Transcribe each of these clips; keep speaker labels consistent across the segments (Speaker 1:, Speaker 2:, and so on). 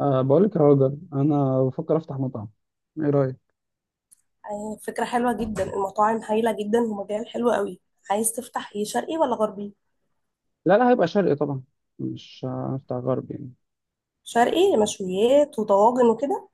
Speaker 1: أه بقول لك يا راجل، انا بفكر افتح مطعم. ايه رايك؟
Speaker 2: آه، فكرة حلوة جدا. المطاعم هايلة جدا ومجال حلو قوي. عايز تفتح ايه، شرقي ولا غربي؟
Speaker 1: لا، هيبقى شرقي طبعا. مش هفتح غرب يعني.
Speaker 2: شرقي مشويات وطواجن وكده.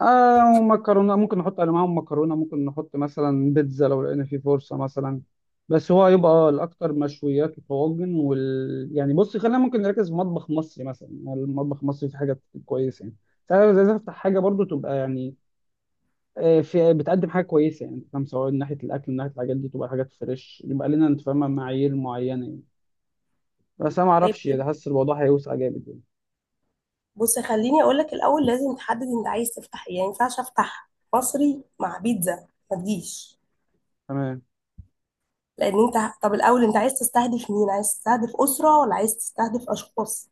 Speaker 1: آه، ومكرونه ممكن نحط على معاهم مكرونه، ممكن نحط مثلا بيتزا لو لقينا في فرصه مثلا. بس هو هيبقى الاكتر مشويات وطواجن، وال يعني بص، خلينا ممكن نركز في مطبخ مصري مثلا يعني. المطبخ المصري في حاجات كويسه يعني. فانا عايز افتح حاجه برضو تبقى يعني في، بتقدم حاجه كويسه يعني، فاهم؟ سواء من ناحيه الاكل، من ناحيه الحاجات دي تبقى حاجات فريش، يبقى لنا انت فاهمه معايير معينه يعني. بس انا ما
Speaker 2: طيب
Speaker 1: اعرفش
Speaker 2: حلو.
Speaker 1: يعني، حاسس الموضوع هيوسع جامد يعني.
Speaker 2: بص، خليني اقولك الاول لازم تحدد انت عايز تفتح ايه، يعني مينفعش افتح مصري مع بيتزا ما تجيش.
Speaker 1: تمام.
Speaker 2: لان انت، طب الاول انت عايز تستهدف مين، عايز تستهدف اسرة ولا عايز تستهدف اشخاص؟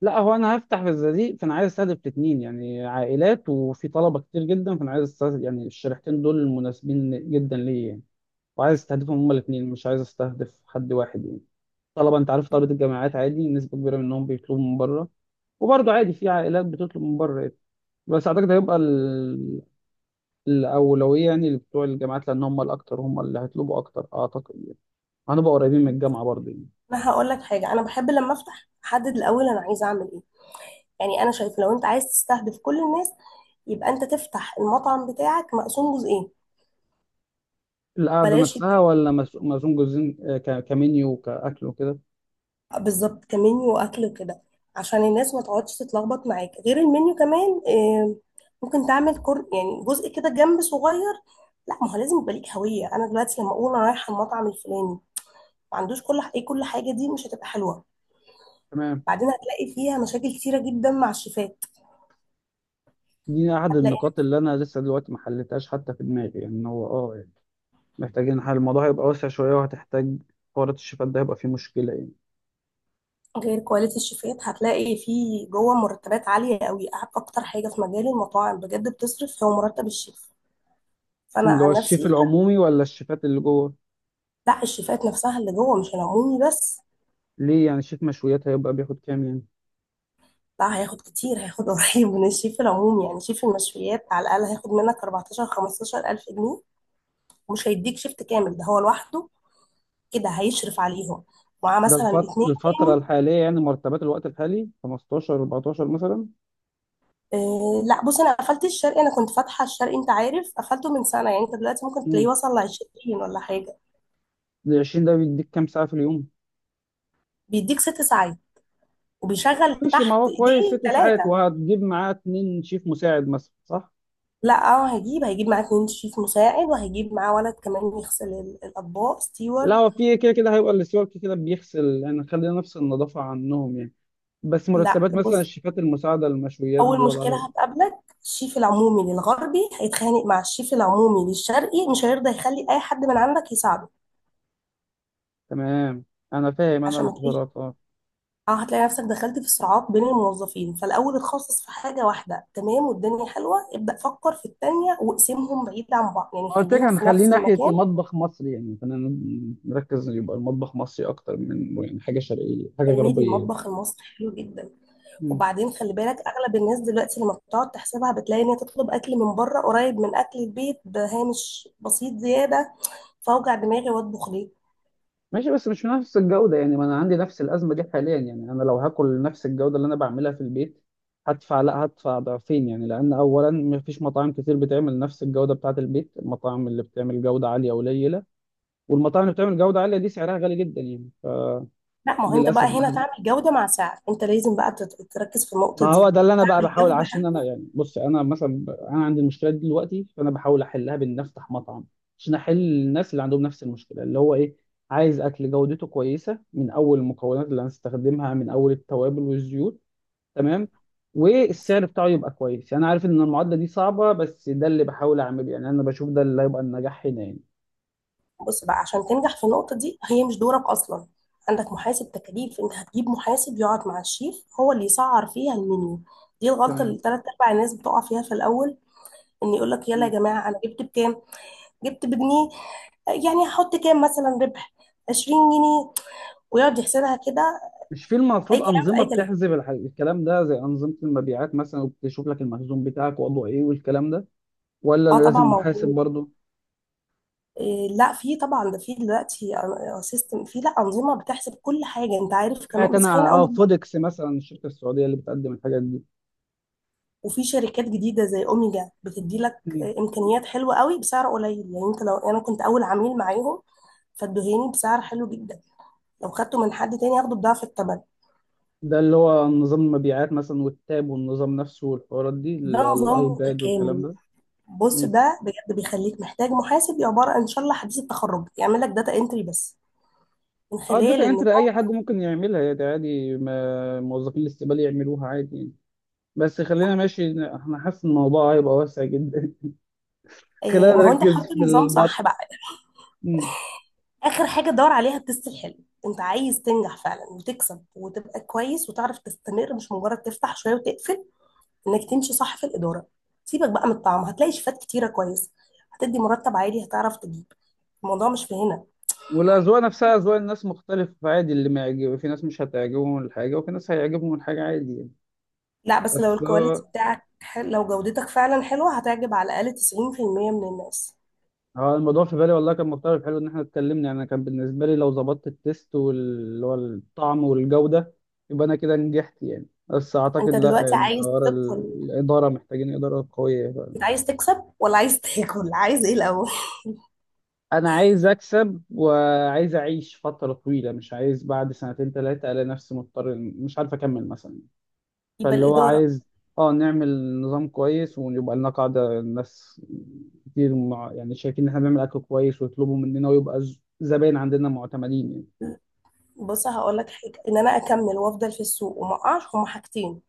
Speaker 1: لا هو انا هفتح في الزقازيق، فانا عايز استهدف الاثنين يعني، عائلات وفي طلبه كتير جدا، فانا عايز استهدف يعني الشريحتين دول، مناسبين جدا ليا يعني. وعايز استهدفهم هما الاثنين، مش عايز استهدف حد واحد يعني. طلبه، انت عارف طلبه الجامعات عادي نسبه كبيره منهم بيطلبوا من بره، وبرضه عادي في عائلات بتطلب من بره يعني. بس اعتقد هيبقى ال... الاولويه يعني لبتوع الجامعات، لان هم الاكتر، هم اللي هيطلبوا اكتر اعتقد يعني. هنبقى قريبين من الجامعه برضه يعني.
Speaker 2: انا هقولك حاجة، انا بحب لما افتح احدد الاول انا عايزه اعمل ايه. يعني انا شايفه لو انت عايز تستهدف كل الناس، يبقى انت تفتح المطعم بتاعك مقسوم جزئين.
Speaker 1: القعدة
Speaker 2: بلاش.
Speaker 1: نفسها ولا مزوم جزئين؟ آه، كمنيو وكأكل وكده.
Speaker 2: بالظبط كمنيو واكل وكده، عشان الناس ما تقعدش تتلخبط معاك. غير المنيو كمان آه، ممكن تعمل كر يعني جزء كده جنب صغير. لا، ما هو لازم يبقى ليك هويه. انا دلوقتي لما اقول انا رايحه المطعم الفلاني، ما عندوش كل ايه، كل حاجه دي مش هتبقى حلوه.
Speaker 1: تمام.
Speaker 2: بعدين هتلاقي فيها مشاكل كتيره جدا مع الشيفات.
Speaker 1: دي أحد
Speaker 2: هتلاقي
Speaker 1: النقاط اللي أنا لسه دلوقتي ما حلتهاش حتى في دماغي يعني، إن هو أه يعني محتاجين حل. الموضوع هيبقى واسع شوية وهتحتاج حوارات. الشيفات ده هيبقى فيه مشكلة يعني.
Speaker 2: غير كواليتي الشيفات، هتلاقي في جوه مرتبات عاليه قوي. اكتر حاجه في مجال المطاعم بجد بتصرف هو مرتب الشيف. فانا
Speaker 1: اللي هو
Speaker 2: عن
Speaker 1: الشيف
Speaker 2: نفسي،
Speaker 1: العمومي ولا الشيفات اللي جوه؟
Speaker 2: لا، الشيفات نفسها اللي جوه مش العمومي بس.
Speaker 1: ليه يعني شيف مشويات هيبقى بياخد كام يعني؟
Speaker 2: لا، هياخد كتير، هياخد قريب من الشيف العموم يعني شيف المشويات على الأقل هياخد منك 14 15 ألف جنيه، ومش هيديك شيفت كامل، ده هو لوحده كده هيشرف عليهم، معاه
Speaker 1: ده
Speaker 2: مثلا
Speaker 1: الفت...
Speaker 2: اتنين.
Speaker 1: الفترة
Speaker 2: تاني؟
Speaker 1: الحالية يعني، مرتبات الوقت الحالي 15 14 مثلا.
Speaker 2: آه لا، بص، أنا قفلت الشرقي. أنا كنت فاتحة الشرقي، أنت عارف، قفلته من سنة، يعني أنت دلوقتي ممكن تلاقيه
Speaker 1: امم،
Speaker 2: وصل ل 20 ولا حاجة.
Speaker 1: ال 20 ده بيديك كام ساعة في اليوم؟
Speaker 2: بيديك ست ساعات،
Speaker 1: طيب
Speaker 2: وبيشغل
Speaker 1: ماشي، ما
Speaker 2: تحت
Speaker 1: هو كويس
Speaker 2: ايديه
Speaker 1: ست ساعات.
Speaker 2: ثلاثة.
Speaker 1: وهتجيب معاه اتنين شيف مساعد مثلا صح؟
Speaker 2: لا اه، هيجيب معاه اتنين شيف مساعد، وهيجيب معاه ولد كمان يغسل الأطباق،
Speaker 1: لا
Speaker 2: ستيوارد.
Speaker 1: هو في كده كده هيبقى السيول كده كده بيغسل يعني، خلينا نفس النظافة عنهم يعني. بس
Speaker 2: لا،
Speaker 1: مرتبات مثلا
Speaker 2: بص،
Speaker 1: الشيفات المساعدة للمشويات دي
Speaker 2: اول
Speaker 1: وضعها
Speaker 2: مشكله
Speaker 1: إيه؟
Speaker 2: هتقابلك، الشيف العمومي للغربي هيتخانق مع الشيف العمومي للشرقي، مش هيرضى يخلي اي حد من عندك يساعده.
Speaker 1: تمام، أنا فاهم، أنا
Speaker 2: عشان ما تلاقيش،
Speaker 1: القدرات أه.
Speaker 2: اه هتلاقي نفسك دخلت في صراعات بين الموظفين. فالاول اتخصص في حاجه واحده، تمام والدنيا حلوه، ابدا فكر في التانيه واقسمهم بعيد عن بعض، يعني
Speaker 1: ما قلت لك
Speaker 2: خليهم في
Speaker 1: هنخليه
Speaker 2: نفس
Speaker 1: ناحية
Speaker 2: المكان.
Speaker 1: المطبخ مصري يعني، خلينا نركز، يبقى المطبخ مصري أكتر من يعني حاجة شرقية حاجة
Speaker 2: تلميذ
Speaker 1: غربية
Speaker 2: المطبخ المصري حلو جدا.
Speaker 1: يعني.
Speaker 2: وبعدين خلي بالك، اغلب الناس دلوقتي لما بتقعد تحسبها بتلاقي ان هي تطلب اكل من بره قريب من اكل البيت بهامش بسيط زياده، فاوجع دماغي واطبخ ليه؟
Speaker 1: ماشي، بس مش نفس الجودة يعني، ما انا عندي نفس الأزمة دي حاليا يعني. انا لو هاكل نفس الجودة اللي انا بعملها في البيت، هدفع لا هدفع ضعفين يعني، لأن أولا مفيش مطاعم كتير بتعمل نفس الجودة بتاعة البيت. المطاعم اللي بتعمل جودة عالية قليلة، والمطاعم اللي بتعمل جودة عالية دي سعرها غالي جدا يعني.
Speaker 2: لا، ما هو انت بقى
Speaker 1: فللأسف،
Speaker 2: هنا تعمل جودة مع سعر، انت لازم بقى تركز في
Speaker 1: ما
Speaker 2: النقطة
Speaker 1: هو
Speaker 2: دي.
Speaker 1: ده اللي انا بقى
Speaker 2: تعمل
Speaker 1: بحاول.
Speaker 2: جودة.
Speaker 1: عشان انا يعني، بص، انا مثلا انا عندي المشكله دي دلوقتي، فانا بحاول احلها بان افتح مطعم عشان احل الناس اللي عندهم نفس المشكله. اللي هو ايه؟ عايز اكل جودته كويسه من اول المكونات اللي هنستخدمها، من اول التوابل والزيوت. تمام. والسعر بتاعه يبقى كويس يعني. عارف ان المعادله دي صعبه، بس ده اللي بحاول اعمله يعني. انا بشوف ده اللي هيبقى النجاح هنا يعني.
Speaker 2: بص بقى، عشان تنجح في النقطة دي هي مش دورك اصلا. عندك محاسب تكاليف، انت هتجيب محاسب يقعد مع الشيف هو اللي يسعر فيها المنيو. دي الغلطة
Speaker 1: تمام.
Speaker 2: اللي تلات ارباع الناس بتقع فيها في الاول، ان يقول لك يلا
Speaker 1: م.
Speaker 2: يا جماعة انا جبت بكام، جبت بجنيه، يعني هحط كام مثلا ربح، 20 جنيه، ويقعد يحسبها كده.
Speaker 1: مش في
Speaker 2: اي
Speaker 1: المفروض
Speaker 2: كلام في
Speaker 1: أنظمة
Speaker 2: اي كلام.
Speaker 1: بتحسب الكلام ده، زي أنظمة المبيعات مثلا، وبتشوف لك المخزون بتاعك وضعه إيه والكلام ده؟ ولا
Speaker 2: اه
Speaker 1: لازم
Speaker 2: طبعا
Speaker 1: محاسب
Speaker 2: موجود.
Speaker 1: برضه؟
Speaker 2: إيه، لا في طبعا ده، في دلوقتي سيستم، في لا انظمه بتحسب كل حاجه انت عارف
Speaker 1: سمعت
Speaker 2: كمان، بس
Speaker 1: انا على
Speaker 2: خلينا اقول نبدا.
Speaker 1: فودكس مثلا، الشركه السعوديه اللي بتقدم الحاجات دي.
Speaker 2: وفي شركات جديده زي اوميجا بتدي لك
Speaker 1: مم.
Speaker 2: إيه، امكانيات حلوه قوي بسعر قليل. يعني انت، لو انا كنت اول عميل معاهم فادوهاني بسعر حلو جدا، لو خدته من حد تاني هاخده بضعف الثمن.
Speaker 1: ده اللي هو نظام المبيعات مثلا والتاب والنظام نفسه والحوارات دي
Speaker 2: ده
Speaker 1: اللي هو
Speaker 2: نظام
Speaker 1: الايباد والكلام
Speaker 2: متكامل.
Speaker 1: ده.
Speaker 2: بص،
Speaker 1: مم.
Speaker 2: ده بجد بيخليك محتاج محاسب عباره ان شاء الله حديث التخرج يعمل لك داتا انتري بس، من
Speaker 1: اه
Speaker 2: خلال
Speaker 1: الداتا انتر
Speaker 2: النظام.
Speaker 1: اي حد ممكن يعملها يعني عادي، ما موظفين الاستقبال يعملوها عادي يعني. بس خلينا ماشي، انا حاسس ان الموضوع هيبقى واسع جدا.
Speaker 2: آه،
Speaker 1: خلينا
Speaker 2: ما هو انت
Speaker 1: نركز
Speaker 2: حاطط
Speaker 1: في
Speaker 2: النظام
Speaker 1: البط.
Speaker 2: صح بقى.
Speaker 1: مم.
Speaker 2: اخر حاجه دور عليها التست الحلو. انت عايز تنجح فعلا وتكسب وتبقى كويس وتعرف تستمر، مش مجرد تفتح شويه وتقفل، انك تمشي صح في الاداره. سيبك بقى من الطعم، هتلاقي شيفات كتيره كويس، هتدي مرتب عالي هتعرف تجيب. الموضوع مش في هنا.
Speaker 1: والاذواق نفسها، اذواق الناس مختلفه عادي، اللي ما يعجب، في ناس مش هتعجبهم الحاجه وفي ناس هيعجبهم الحاجه عادي يعني.
Speaker 2: لا بس لو
Speaker 1: بس
Speaker 2: الكواليتي بتاعك لو جودتك فعلا حلوه هتعجب على الاقل 90% من الناس.
Speaker 1: اه، الموضوع في بالي والله كان مختلف. حلو ان احنا اتكلمنا يعني. انا كان بالنسبه لي لو ظبطت التيست واللي هو الطعم والجوده يبقى انا كده نجحت يعني. بس اعتقد
Speaker 2: انت
Speaker 1: لا
Speaker 2: دلوقتي
Speaker 1: يعني،
Speaker 2: عايز
Speaker 1: حوار
Speaker 2: تدخل،
Speaker 1: الاداره، محتاجين اداره قويه.
Speaker 2: انت عايز تكسب ولا عايز تاكل عايز ايه الاول؟
Speaker 1: انا عايز اكسب وعايز اعيش فتره طويله، مش عايز بعد سنتين ثلاثه الاقي نفسي مضطر مش عارف اكمل مثلا.
Speaker 2: يبقى
Speaker 1: فاللي هو
Speaker 2: الاداره.
Speaker 1: عايز، اه، نعمل نظام كويس ويبقى لنا قاعده الناس كتير، مع يعني، شايفين ان احنا بنعمل اكل كويس ويطلبوا مننا ويبقى زباين عندنا معتمدين يعني.
Speaker 2: بص هقول لك حاجه، ان انا اكمل وافضل في السوق وما اقعش هما حاجتين.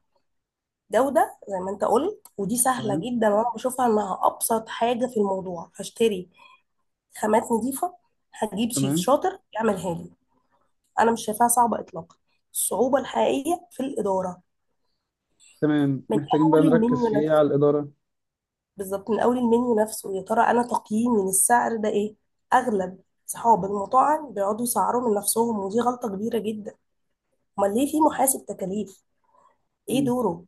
Speaker 2: جودة زي ما انت قلت، ودي سهلة
Speaker 1: تمام.
Speaker 2: جدا وانا بشوفها انها ابسط حاجة في الموضوع. هشتري خامات نظيفة، هجيب شيف
Speaker 1: تمام.
Speaker 2: شاطر يعملها لي، انا مش شايفاها صعبة اطلاقا. الصعوبة الحقيقية في الإدارة،
Speaker 1: تمام،
Speaker 2: من
Speaker 1: محتاجين بقى
Speaker 2: اول
Speaker 1: نركز
Speaker 2: المنيو
Speaker 1: في ايه على
Speaker 2: نفسه.
Speaker 1: الإدارة.
Speaker 2: بالظبط، من اول المنيو نفسه، يا ترى انا تقييمي للسعر ده ايه. اغلب صحاب المطاعم بيقعدوا يسعروا من نفسهم، ودي غلطة كبيرة جدا. امال ليه في محاسب تكاليف؟ ايه
Speaker 1: مم.
Speaker 2: دوره؟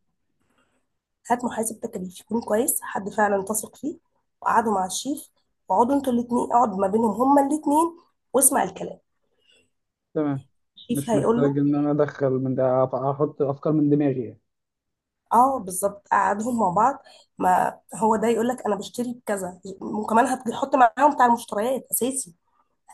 Speaker 2: هات محاسب تكاليف يكون كويس، حد فعلا تثق فيه، وقعدوا مع الشيف، وقعدوا انتوا الاتنين، اقعد ما بينهم هما الاتنين واسمع الكلام.
Speaker 1: تمام،
Speaker 2: الشيف
Speaker 1: مش
Speaker 2: هيقول
Speaker 1: محتاج
Speaker 2: له،
Speaker 1: ان انا ادخل من ده احط افكار من دماغي يعني.
Speaker 2: اه بالظبط، قعدهم مع بعض. ما هو ده يقول لك انا بشتري بكذا، وكمان هتحط معاهم بتاع المشتريات اساسي،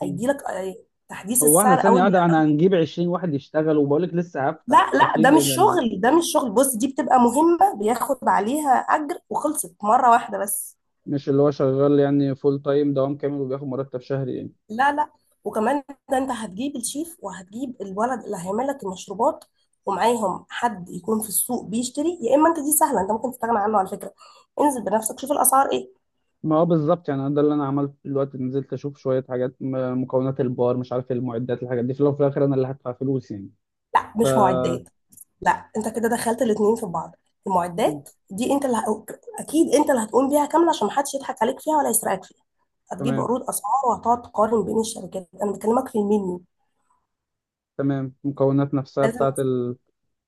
Speaker 1: مم.
Speaker 2: لك آه، تحديث
Speaker 1: هو احنا
Speaker 2: السعر
Speaker 1: ثانية
Speaker 2: اول
Speaker 1: واحدة، احنا
Speaker 2: بأول.
Speaker 1: هنجيب 20 واحد يشتغل؟ وبقولك لسه
Speaker 2: لا
Speaker 1: هفتح
Speaker 2: لا، ده
Speaker 1: اكيد
Speaker 2: مش
Speaker 1: يعني.
Speaker 2: شغل، ده مش شغل. بص، دي بتبقى مهمة بياخد عليها اجر وخلصت مرة واحدة بس.
Speaker 1: مش اللي هو شغال يعني فول تايم، دوام كامل وبياخد مرتب شهري يعني؟
Speaker 2: لا لا. وكمان، ده انت هتجيب الشيف، وهتجيب الولد اللي هيعمل لك المشروبات، ومعاهم حد يكون في السوق بيشتري. يا اما انت، دي سهله، انت ممكن تستغنى عنه على فكره، انزل بنفسك شوف الاسعار ايه.
Speaker 1: ما هو بالظبط يعني، ده اللي انا عملته دلوقتي، نزلت اشوف شوية حاجات، مكونات البار، مش عارف إيه، المعدات الحاجات دي. في الاول وفي الاخر انا اللي هدفع فلوس يعني.
Speaker 2: لا
Speaker 1: ف
Speaker 2: مش معدات. لا انت كده دخلت الاتنين في بعض.
Speaker 1: مم.
Speaker 2: المعدات دي انت اللي اكيد انت اللي هتقوم بيها كامله عشان محدش يضحك عليك فيها ولا يسرقك فيها. هتجيب
Speaker 1: تمام.
Speaker 2: عروض اسعار، وهتقعد تقارن بين الشركات. انا بكلمك في المنيو.
Speaker 1: تمام، المكونات نفسها
Speaker 2: لازم.
Speaker 1: بتاعت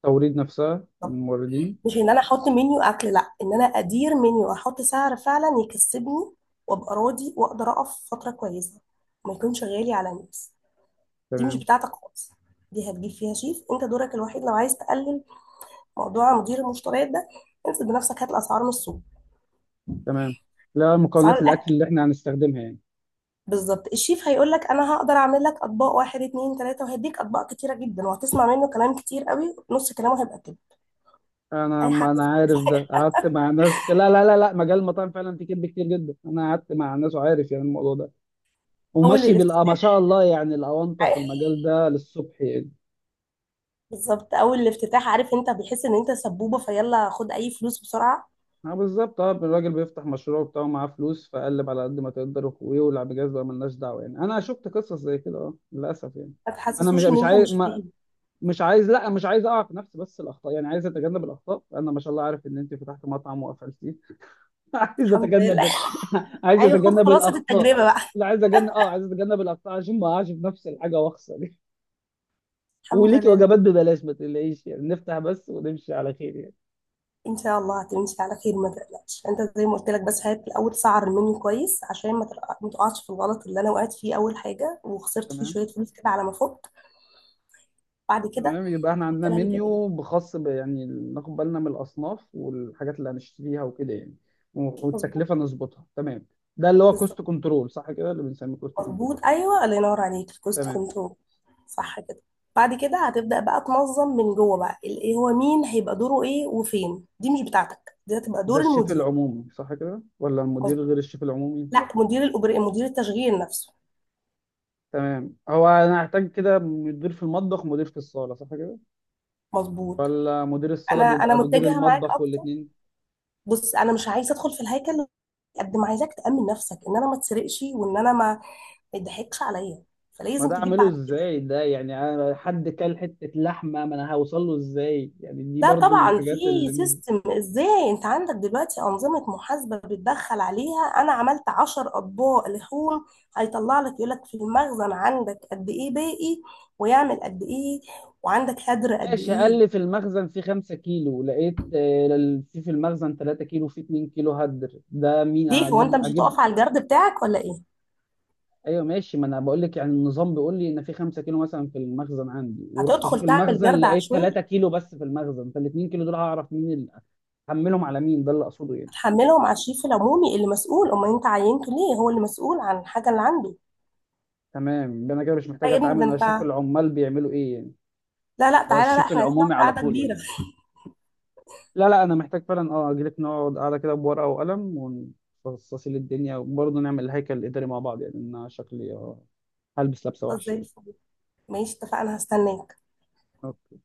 Speaker 1: توريد، نفسها من الموردين.
Speaker 2: مش ان انا احط منيو اكل، لا، ان انا ادير منيو احط سعر فعلا يكسبني وابقى راضي واقدر اقف فتره كويسه، ما يكونش غالي على الناس. دي مش
Speaker 1: تمام.
Speaker 2: بتاعتك خالص، دي هتجيب فيها شيف. انت دورك الوحيد لو عايز تقلل موضوع مدير المشتريات ده، انزل بنفسك هات الاسعار من السوق.
Speaker 1: تمام، لا،
Speaker 2: اسعار
Speaker 1: مكونات الاكل
Speaker 2: الاكل.
Speaker 1: اللي احنا هنستخدمها يعني.
Speaker 2: بالظبط، الشيف هيقول لك انا هقدر اعمل لك اطباق واحد اتنين تلاته، وهديك اطباق كتيره جدا، وهتسمع منه كلام كتير قوي، نص كلامه هيبقى كده.
Speaker 1: انا،
Speaker 2: اي
Speaker 1: ما
Speaker 2: حد.
Speaker 1: انا عارف ده، قعدت مع ناس. لا، مجال المطاعم فعلا فيه كذب كتير جدا. انا قعدت مع ناس وعارف يعني الموضوع ده،
Speaker 2: اول
Speaker 1: وماشي بال ما
Speaker 2: الافتتاح،
Speaker 1: شاء الله يعني، الاونطه في المجال ده للصبح يعني.
Speaker 2: بالظبط اول الافتتاح، عارف انت بيحس ان انت سبوبه، فيلا خد اي فلوس بسرعه.
Speaker 1: اه بالظبط، اه الراجل بيفتح مشروع بتاعه معاه فلوس، فقلب على قد ما تقدر ويولع بجاز بقى، ملناش دعوه يعني. انا شفت قصص زي كده اه للاسف يعني.
Speaker 2: ما
Speaker 1: انا مش
Speaker 2: تحسسوش ان
Speaker 1: مش
Speaker 2: انت
Speaker 1: عايز،
Speaker 2: مش فاهم.
Speaker 1: مش عايز لا مش عايز اقع في نفس بس الاخطاء يعني، عايز اتجنب الاخطاء. انا ما شاء الله عارف ان انت فتحت مطعم وقفلتيه. عايز
Speaker 2: الحمد لله
Speaker 1: اتجنب عايز
Speaker 2: ايوه، خد
Speaker 1: اتجنب
Speaker 2: خلاصه
Speaker 1: الاخطاء.
Speaker 2: التجربه بقى.
Speaker 1: لا عايز اتجنب، اه عايز اتجنب الاخطاء عشان ما اقعش في نفس الحاجه واخسر يعني.
Speaker 2: الحمد
Speaker 1: وليك
Speaker 2: لله.
Speaker 1: وجبات ببلاش ما تقلقيش يعني، نفتح بس ونمشي على خير يعني.
Speaker 2: ان شاء الله هتمشي على خير، ما تقلقش. انت زي ما قلت لك، بس هات الاول سعر المنيو كويس عشان ما تقعش في الغلط اللي انا وقعت فيه اول حاجه، وخسرت فيه
Speaker 1: تمام.
Speaker 2: شويه فلوس كده على ما فوت. بعد كده.
Speaker 1: تمام، يبقى احنا عندنا
Speaker 2: انا هجيب إيدك.
Speaker 1: منيو بخاص ب يعني، ناخد بالنا من الاصناف والحاجات اللي هنشتريها وكده يعني.
Speaker 2: مظبوط.
Speaker 1: والتكلفه نظبطها. تمام. ده اللي هو كوست
Speaker 2: بالظبط.
Speaker 1: كنترول صح كده، اللي بنسميه كوست كنترول.
Speaker 2: مظبوط ايوه، الله ينور عليك، الكوست
Speaker 1: تمام.
Speaker 2: كنترول. صح كده. بعد كده هتبدأ بقى تنظم من جوه بقى ال- ايه هو مين هيبقى دوره ايه وفين. دي مش بتاعتك، دي هتبقى
Speaker 1: ده
Speaker 2: دور
Speaker 1: الشيف
Speaker 2: المدير.
Speaker 1: العمومي صح كده، ولا المدير غير
Speaker 2: مظبوط.
Speaker 1: الشيف العمومي؟
Speaker 2: لا مدير التشغيل نفسه.
Speaker 1: تمام، هو انا هحتاج كده مدير في المطبخ ومدير في الصاله صح كده؟
Speaker 2: مظبوط.
Speaker 1: ولا مدير الصاله
Speaker 2: انا
Speaker 1: بيبقى مدير
Speaker 2: متجهه معاك
Speaker 1: المطبخ
Speaker 2: اكتر.
Speaker 1: والاثنين؟
Speaker 2: بص انا مش عايزه ادخل في الهيكل، قد ما عايزاك تأمن نفسك ان انا ما اتسرقش وان انا ما ما يضحكش عليا،
Speaker 1: ما
Speaker 2: فلازم
Speaker 1: ده
Speaker 2: تجيب
Speaker 1: اعمله
Speaker 2: بعد كده.
Speaker 1: ازاي ده يعني، انا حد كل حته لحمه ما انا هوصل له ازاي يعني، دي
Speaker 2: لا
Speaker 1: برضو من
Speaker 2: طبعا
Speaker 1: الحاجات
Speaker 2: في
Speaker 1: اللي مز...
Speaker 2: سيستم. ازاي؟ انت عندك دلوقتي انظمه محاسبه بتدخل عليها، انا عملت عشر اطباق لحوم، هيطلع لك يقول لك في المخزن عندك قد ايه باقي، ويعمل قد ايه، وعندك هدر قد
Speaker 1: ماشي، قال لي
Speaker 2: ايه.
Speaker 1: في المخزن في 5 كيلو، لقيت آه، في المخزن 3 كيلو، في 2 كيلو هدر، ده مين
Speaker 2: ليه، هو
Speaker 1: هجيب
Speaker 2: انت مش
Speaker 1: اجيب؟
Speaker 2: هتقف على الجرد بتاعك ولا ايه؟
Speaker 1: ايوه ماشي، ما انا بقول لك يعني، النظام بيقول لي ان في 5 كيلو مثلا في المخزن عندي، ورحت
Speaker 2: هتدخل
Speaker 1: اشوف
Speaker 2: تعمل
Speaker 1: المخزن
Speaker 2: جرد
Speaker 1: لقيت
Speaker 2: عشوائي.
Speaker 1: 3 كيلو بس في المخزن، فال 2 كيلو دول هعرف مين اللي احملهم على مين، ده اللي اقصده يعني.
Speaker 2: هتحملهم على الشريف العمومي اللي مسؤول، امال انت عينته ليه، هو اللي مسؤول عن الحاجه اللي عنده.
Speaker 1: تمام، يبقى انا كده مش
Speaker 2: لا
Speaker 1: محتاج
Speaker 2: يا ابني،
Speaker 1: اتعامل،
Speaker 2: ده
Speaker 1: انا اشوف
Speaker 2: انت،
Speaker 1: العمال بيعملوا ايه يعني؟
Speaker 2: لا لا
Speaker 1: ده
Speaker 2: تعالى، لا
Speaker 1: الشيف
Speaker 2: احنا هنقعد
Speaker 1: العمومي على
Speaker 2: قعده
Speaker 1: طول يعني؟
Speaker 2: كبيره.
Speaker 1: لا لا، انا محتاج فعلا، اه اجيلك نقعد قاعده كده بورقه وقلم، ونفصصي للدنيا، وبرضه نعمل الهيكل الاداري مع بعض يعني. إن انا شكلي آه، هلبس لبسه
Speaker 2: خلاص
Speaker 1: وحشه
Speaker 2: زي
Speaker 1: يعني.
Speaker 2: الفل. ماشي، اتفقنا، هستناك.
Speaker 1: أوكي.